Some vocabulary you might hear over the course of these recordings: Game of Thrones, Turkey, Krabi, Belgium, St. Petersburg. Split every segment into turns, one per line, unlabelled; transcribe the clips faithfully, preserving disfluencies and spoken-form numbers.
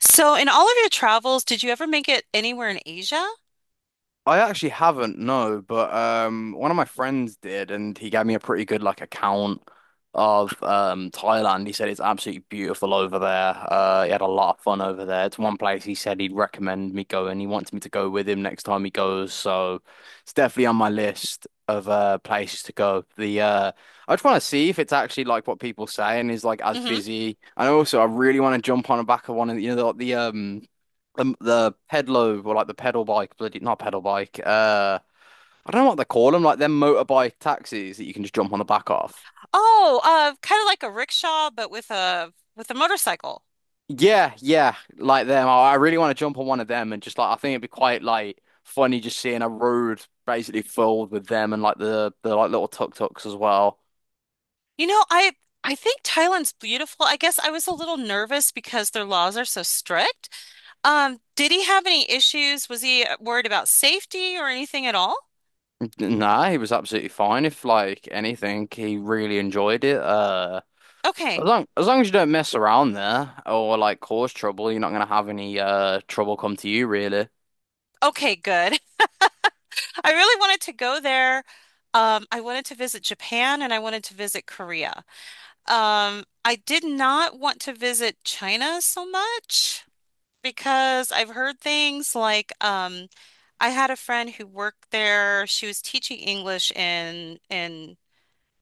So, in all of your travels, did you ever make it anywhere in Asia?
I actually haven't, no, but um one of my friends did and he gave me a pretty good like account of um Thailand. He said it's absolutely beautiful over there. Uh he had a lot of fun over there. It's one place he said he'd recommend me going. He wants me to go with him next time he goes, so it's definitely on my list of uh places to go. The uh I just want to see if it's actually like what people say and is like as
Hmm
busy. And also I really want to jump on the back of one of the- you know the, the um the the pedalo or like the pedal bike, bloody not pedal bike. Uh, I don't know what they call them, like them motorbike taxis that you can just jump on the back of.
Oh, uh, kind of like a rickshaw, but with a with a motorcycle.
Yeah, yeah, like them. I I really want to jump on one of them and just like I think it'd be quite like funny just seeing a road basically filled with them and like the the like little tuk-tuks as well.
You know, I I think Thailand's beautiful. I guess I was a little nervous because their laws are so strict. Um, did he have any issues? Was he uh, worried about safety or anything at all?
Nah, he was absolutely fine. If like anything, he really enjoyed it. Uh, as
Okay.
long as long as you don't mess around there or like cause trouble, you're not gonna have any uh trouble come to you really.
Okay, good. I really wanted to go there. Um, I wanted to visit Japan and I wanted to visit Korea. Um, I did not want to visit China so much because I've heard things like um I had a friend who worked there. She was teaching English in in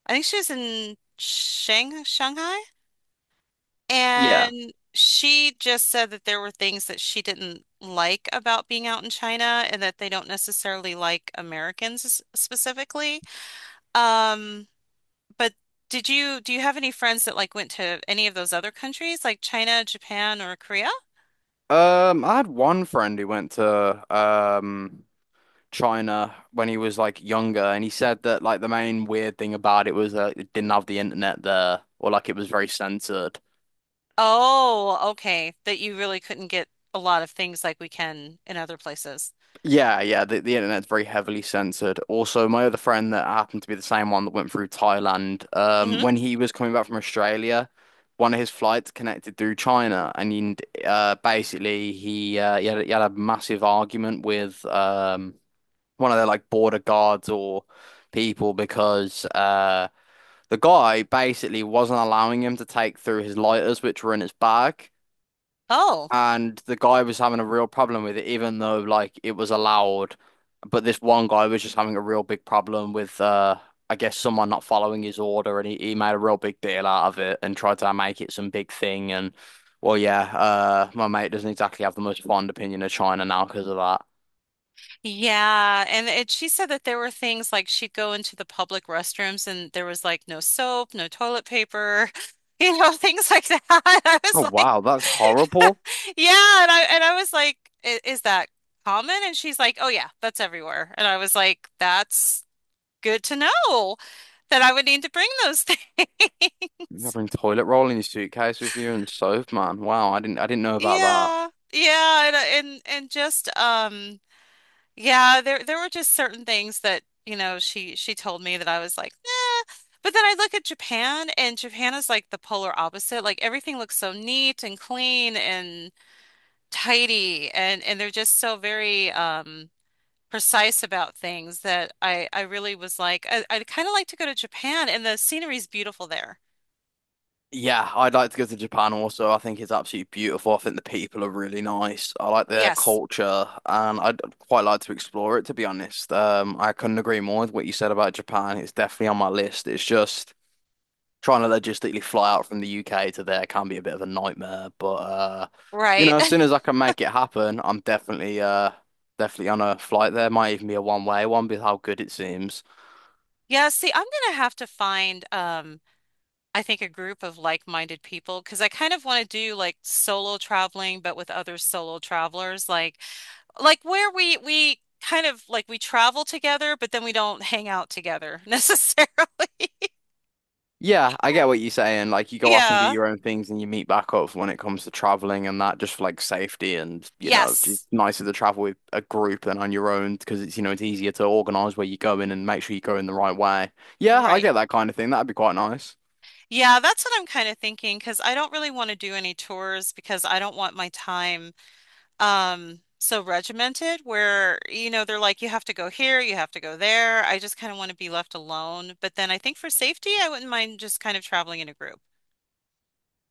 I think she was in Shang Shanghai,
Yeah.
and she just said that there were things that she didn't like about being out in China and that they don't necessarily like Americans s- specifically. Um but did you do you have any friends that like went to any of those other countries like China, Japan, or Korea?
Um, I had one friend who went to um China when he was like younger, and he said that like the main weird thing about it was that it didn't have the internet there, or like it was very censored.
Oh, okay. That you really couldn't get a lot of things like we can in other places.
Yeah, yeah, the, the internet's very heavily censored. Also, my other friend that happened to be the same one that went through Thailand, um,
Hmm
when he was coming back from Australia, one of his flights connected through China, and he, uh, basically he uh, he had, he had a massive argument with um. one of their like border guards or people because uh the guy basically wasn't allowing him to take through his lighters which were in his bag,
Oh,
and the guy was having a real problem with it even though like it was allowed, but this one guy was just having a real big problem with uh I guess someone not following his order, and he, he made a real big deal out of it and tried to make it some big thing. And well, yeah, uh my mate doesn't exactly have the most fond opinion of China now because of that.
yeah. And it, she said that there were things like she'd go into the public restrooms and there was like no soap, no toilet paper, you know, things like that. I was
Oh
like,
wow, that's horrible.
yeah. And I, and I was like, "I- is that common?" And she's like, oh, yeah, that's everywhere. And I was like, that's good to know that I would need to bring those
You
things.
gotta toilet roll in your suitcase with you and soap, man. Wow, I didn't I didn't know about that.
Yeah, yeah, and uh, and and just um, yeah, there there were just certain things that you know she she told me that I was like, nah. But then I look at Japan, and Japan is like the polar opposite. Like everything looks so neat and clean and tidy, and and they're just so very um precise about things that I I really was like, I, I'd kind of like to go to Japan, and the scenery's beautiful there.
Yeah, I'd like to go to Japan also. I think it's absolutely beautiful. I think the people are really nice. I like their
Yes.
culture and I'd quite like to explore it, to be honest. Um, I couldn't agree more with what you said about Japan. It's definitely on my list. It's just trying to logistically fly out from the U K to there can be a bit of a nightmare, but uh you
Right.
know, as soon as I can make it happen, I'm definitely uh definitely on a flight there. Might even be a one way one with how good it seems.
Yeah, see, I'm gonna have to find um I think a group of like-minded people because I kind of want to do like solo traveling but with other solo travelers like like where we we kind of like we travel together but then we don't hang out together necessarily.
Yeah, I get what you're saying. Like you go off and do
Yeah.
your own things and you meet back up when it comes to traveling, and that just for like safety and you know, just
Yes.
nicer to travel with a group than on your own because it's, you know, it's easier to organize where you're going and make sure you go in the right way. Yeah, I
Right.
get that kind of thing. That'd be quite nice.
Yeah, that's what I'm kind of thinking because I don't really want to do any tours because I don't want my time um so regimented where you know they're like you have to go here, you have to go there. I just kind of want to be left alone, but then I think for safety I wouldn't mind just kind of traveling in a group.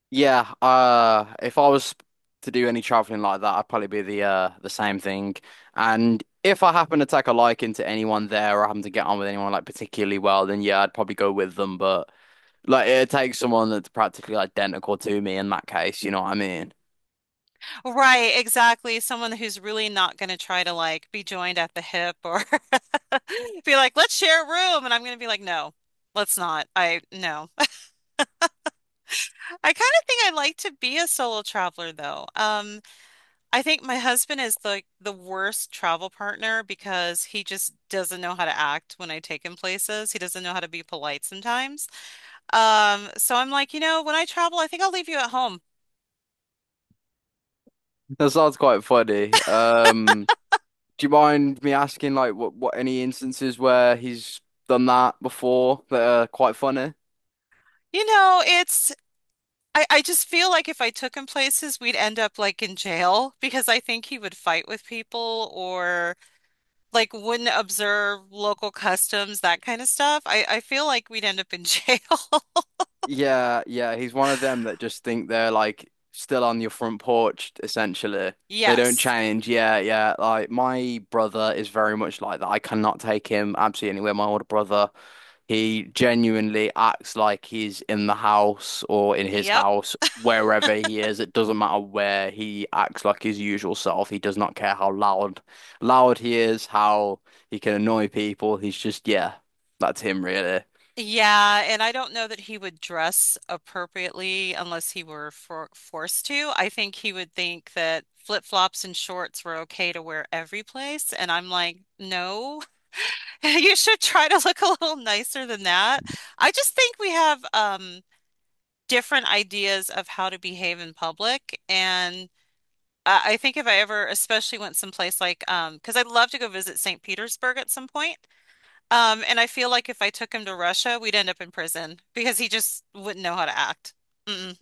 Yeah, uh if I was to do any traveling like that, I'd probably be the uh the same thing. And if I happen to take a liking to anyone there or happen to get on with anyone like particularly well, then yeah, I'd probably go with them, but like it takes someone that's practically identical to me in that case, you know what I mean?
Right, exactly. Someone who's really not going to try to like be joined at the hip, or be like, let's share a room. And I'm going to be like, no, let's not. I, no. I kind of think I like to be a solo traveler though. Um, I think my husband is like the, worst travel partner because he just doesn't know how to act when I take him places. He doesn't know how to be polite sometimes. Um, so I'm like, you know, when I travel, I think I'll leave you at home.
That sounds quite funny. Um, do you mind me asking like what, what any instances where he's done that before that are quite funny?
You know, it's I, I just feel like if I took him places, we'd end up like in jail because I think he would fight with people or like wouldn't observe local customs, that kind of stuff. I, I feel like we'd end up in jail.
Yeah, yeah, he's one of them that just think they're like still on your front porch, essentially. They don't
Yes.
change. Yeah, yeah. Like my brother is very much like that. I cannot take him absolutely anywhere. My older brother. He genuinely acts like he's in the house or in his
Yep.
house, wherever he is. It doesn't matter where. He acts like his usual self. He does not care how loud loud he is, how he can annoy people. He's just, yeah, that's him really.
Yeah, and I don't know that he would dress appropriately unless he were for forced to. I think he would think that flip-flops and shorts were okay to wear every place, and I'm like, no. You should try to look a little nicer than that. I just think we have um, different ideas of how to behave in public. And I, I think if I ever especially went someplace like, um, because I'd love to go visit Saint Petersburg at some point. Um, and I feel like if I took him to Russia, we'd end up in prison because he just wouldn't know how to act. Mm-mm.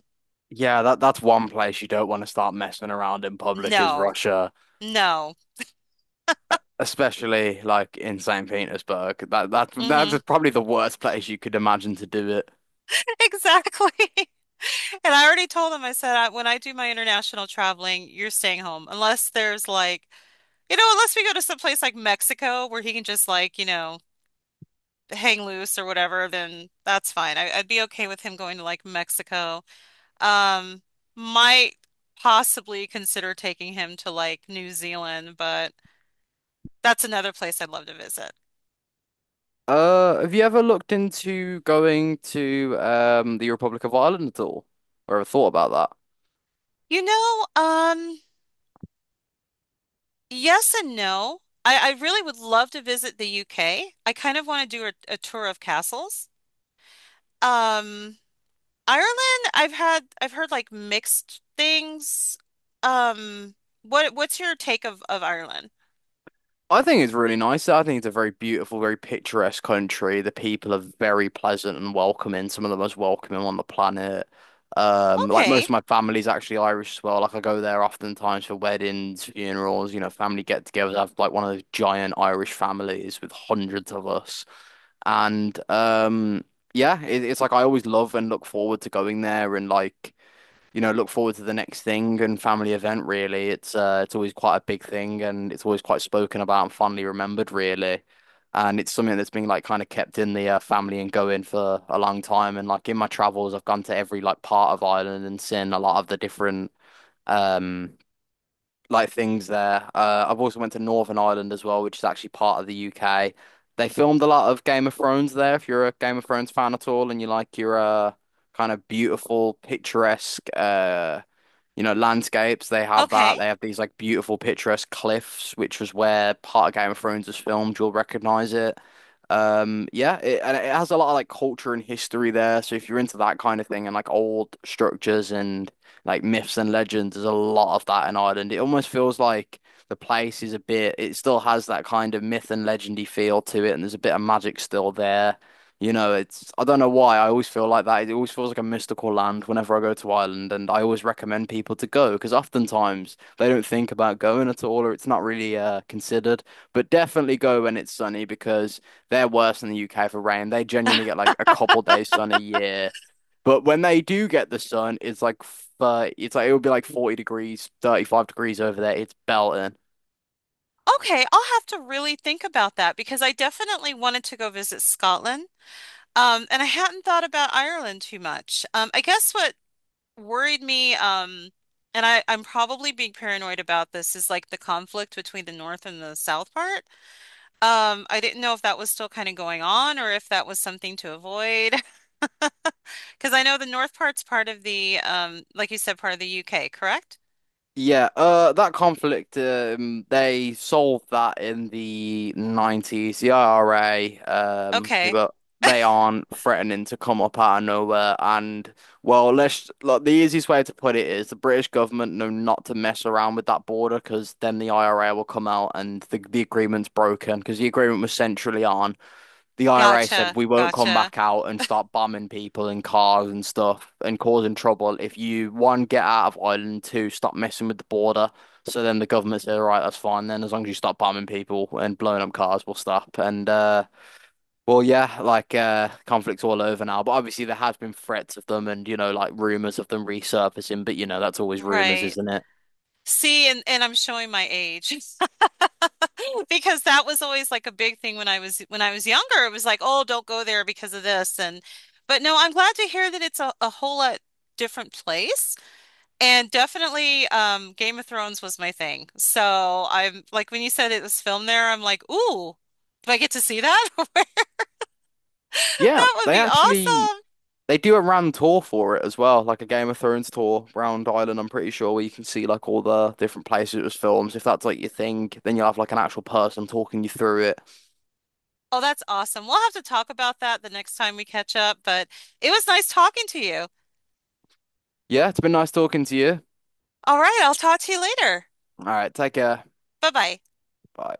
Yeah, that that's one place you don't want to start messing around in public is
No,
Russia,
no.
e- especially like in Saint Petersburg. That that
hmm
that's probably the worst place you could imagine to do it.
Exactly. And I already told him, I said, I, when I do my international traveling, you're staying home unless there's like, you know, unless we go to some place like Mexico where he can just like, you know, hang loose or whatever, then that's fine. I, I'd be okay with him going to like Mexico. Um, might possibly consider taking him to like New Zealand, but that's another place I'd love to visit.
Uh, have you ever looked into going to um the Republic of Ireland at all? Or ever thought about that?
You know, um, yes and no. I, I really would love to visit the U K. I kind of want to do a, a tour of castles. Um, Ireland, I've had I've heard like mixed things. Um, what what's your take of of Ireland?
I think it's really nice. I think it's a very beautiful, very picturesque country. The people are very pleasant and welcoming, some of the most welcoming on the planet. Um, like most
Okay.
of my family's actually Irish as well. Like I go there oftentimes for weddings, funerals, you know, family get-togethers. I have like one of those giant Irish families with hundreds of us. And um, yeah, it, it's like I always love and look forward to going there and like you know, look forward to the next thing and family event, really. It's uh, it's always quite a big thing and it's always quite spoken about and fondly remembered, really. And it's something that's been like kind of kept in the uh, family and going for a long time. And like in my travels, I've gone to every like part of Ireland and seen a lot of the different um like things there. Uh, I've also went to Northern Ireland as well, which is actually part of the U K. They filmed a lot of Game of Thrones there. If you're a Game of Thrones fan at all, and you like your uh, kind of beautiful, picturesque, uh, you know, landscapes. They have
Okay.
that. They have these like beautiful picturesque cliffs, which was where part of Game of Thrones was filmed. You'll recognize it. Um, yeah, it, and it has a lot of like culture and history there. So if you're into that kind of thing and like old structures and like myths and legends, there's a lot of that in Ireland. It almost feels like the place is a bit, it still has that kind of myth and legendy feel to it, and there's a bit of magic still there. You know, it's I don't know why I always feel like that. It always feels like a mystical land whenever I go to Ireland, and I always recommend people to go because oftentimes they don't think about going at all, or it's not really uh, considered. But definitely go when it's sunny because they're worse than the U K for rain. They genuinely get like a couple days sun a year, but when they do get the sun, it's like thirty, it's like it would be like forty degrees, thirty-five degrees over there. It's belting.
Okay, I'll have to really think about that because I definitely wanted to go visit Scotland. Um, and I hadn't thought about Ireland too much. Um, I guess what worried me, um, and I, I'm probably being paranoid about this, is like the conflict between the north and the south part. Um, I didn't know if that was still kind of going on or if that was something to avoid. Because I know the north part's part of the, um, like you said, part of the U K, correct?
Yeah, uh, that conflict, um, they solved that in the nineties. The I R A, um, who
Okay.
are- they aren't threatening to come up out of nowhere. And, well, let's, like, the easiest way to put it is the British government know not to mess around with that border because then the I R A will come out and the, the agreement's broken because the agreement was centrally on the I R A
Gotcha.
said we won't come
Gotcha.
back out and start bombing people and cars and stuff and causing trouble if you one get out of Ireland, two stop messing with the border. So then the government said, all right, that's fine. Then as long as you stop bombing people and blowing up cars, we'll stop. And uh, well, yeah, like uh, conflict's all over now. But obviously there has been threats of them and you know like rumors of them resurfacing. But you know that's always rumors,
Right.
isn't it?
See, and, and I'm showing my age because that was always like a big thing when I was when I was younger. It was like, oh, don't go there because of this. And, but no, I'm glad to hear that it's a, a whole lot different place. And definitely, um, Game of Thrones was my thing. So I'm like when you said it was filmed there, I'm like, ooh, do I get to see that?
Yeah,
That would
they
be
actually
awesome.
they do a round tour for it as well, like a Game of Thrones tour round Ireland, I'm pretty sure, where you can see like all the different places it was filmed. If that's like your thing, then you'll have like an actual person talking you through it.
Oh, that's awesome. We'll have to talk about that the next time we catch up, but it was nice talking to you.
Yeah, it's been nice talking to you.
All right, I'll talk to you later.
All right, take care.
Bye bye.
Bye.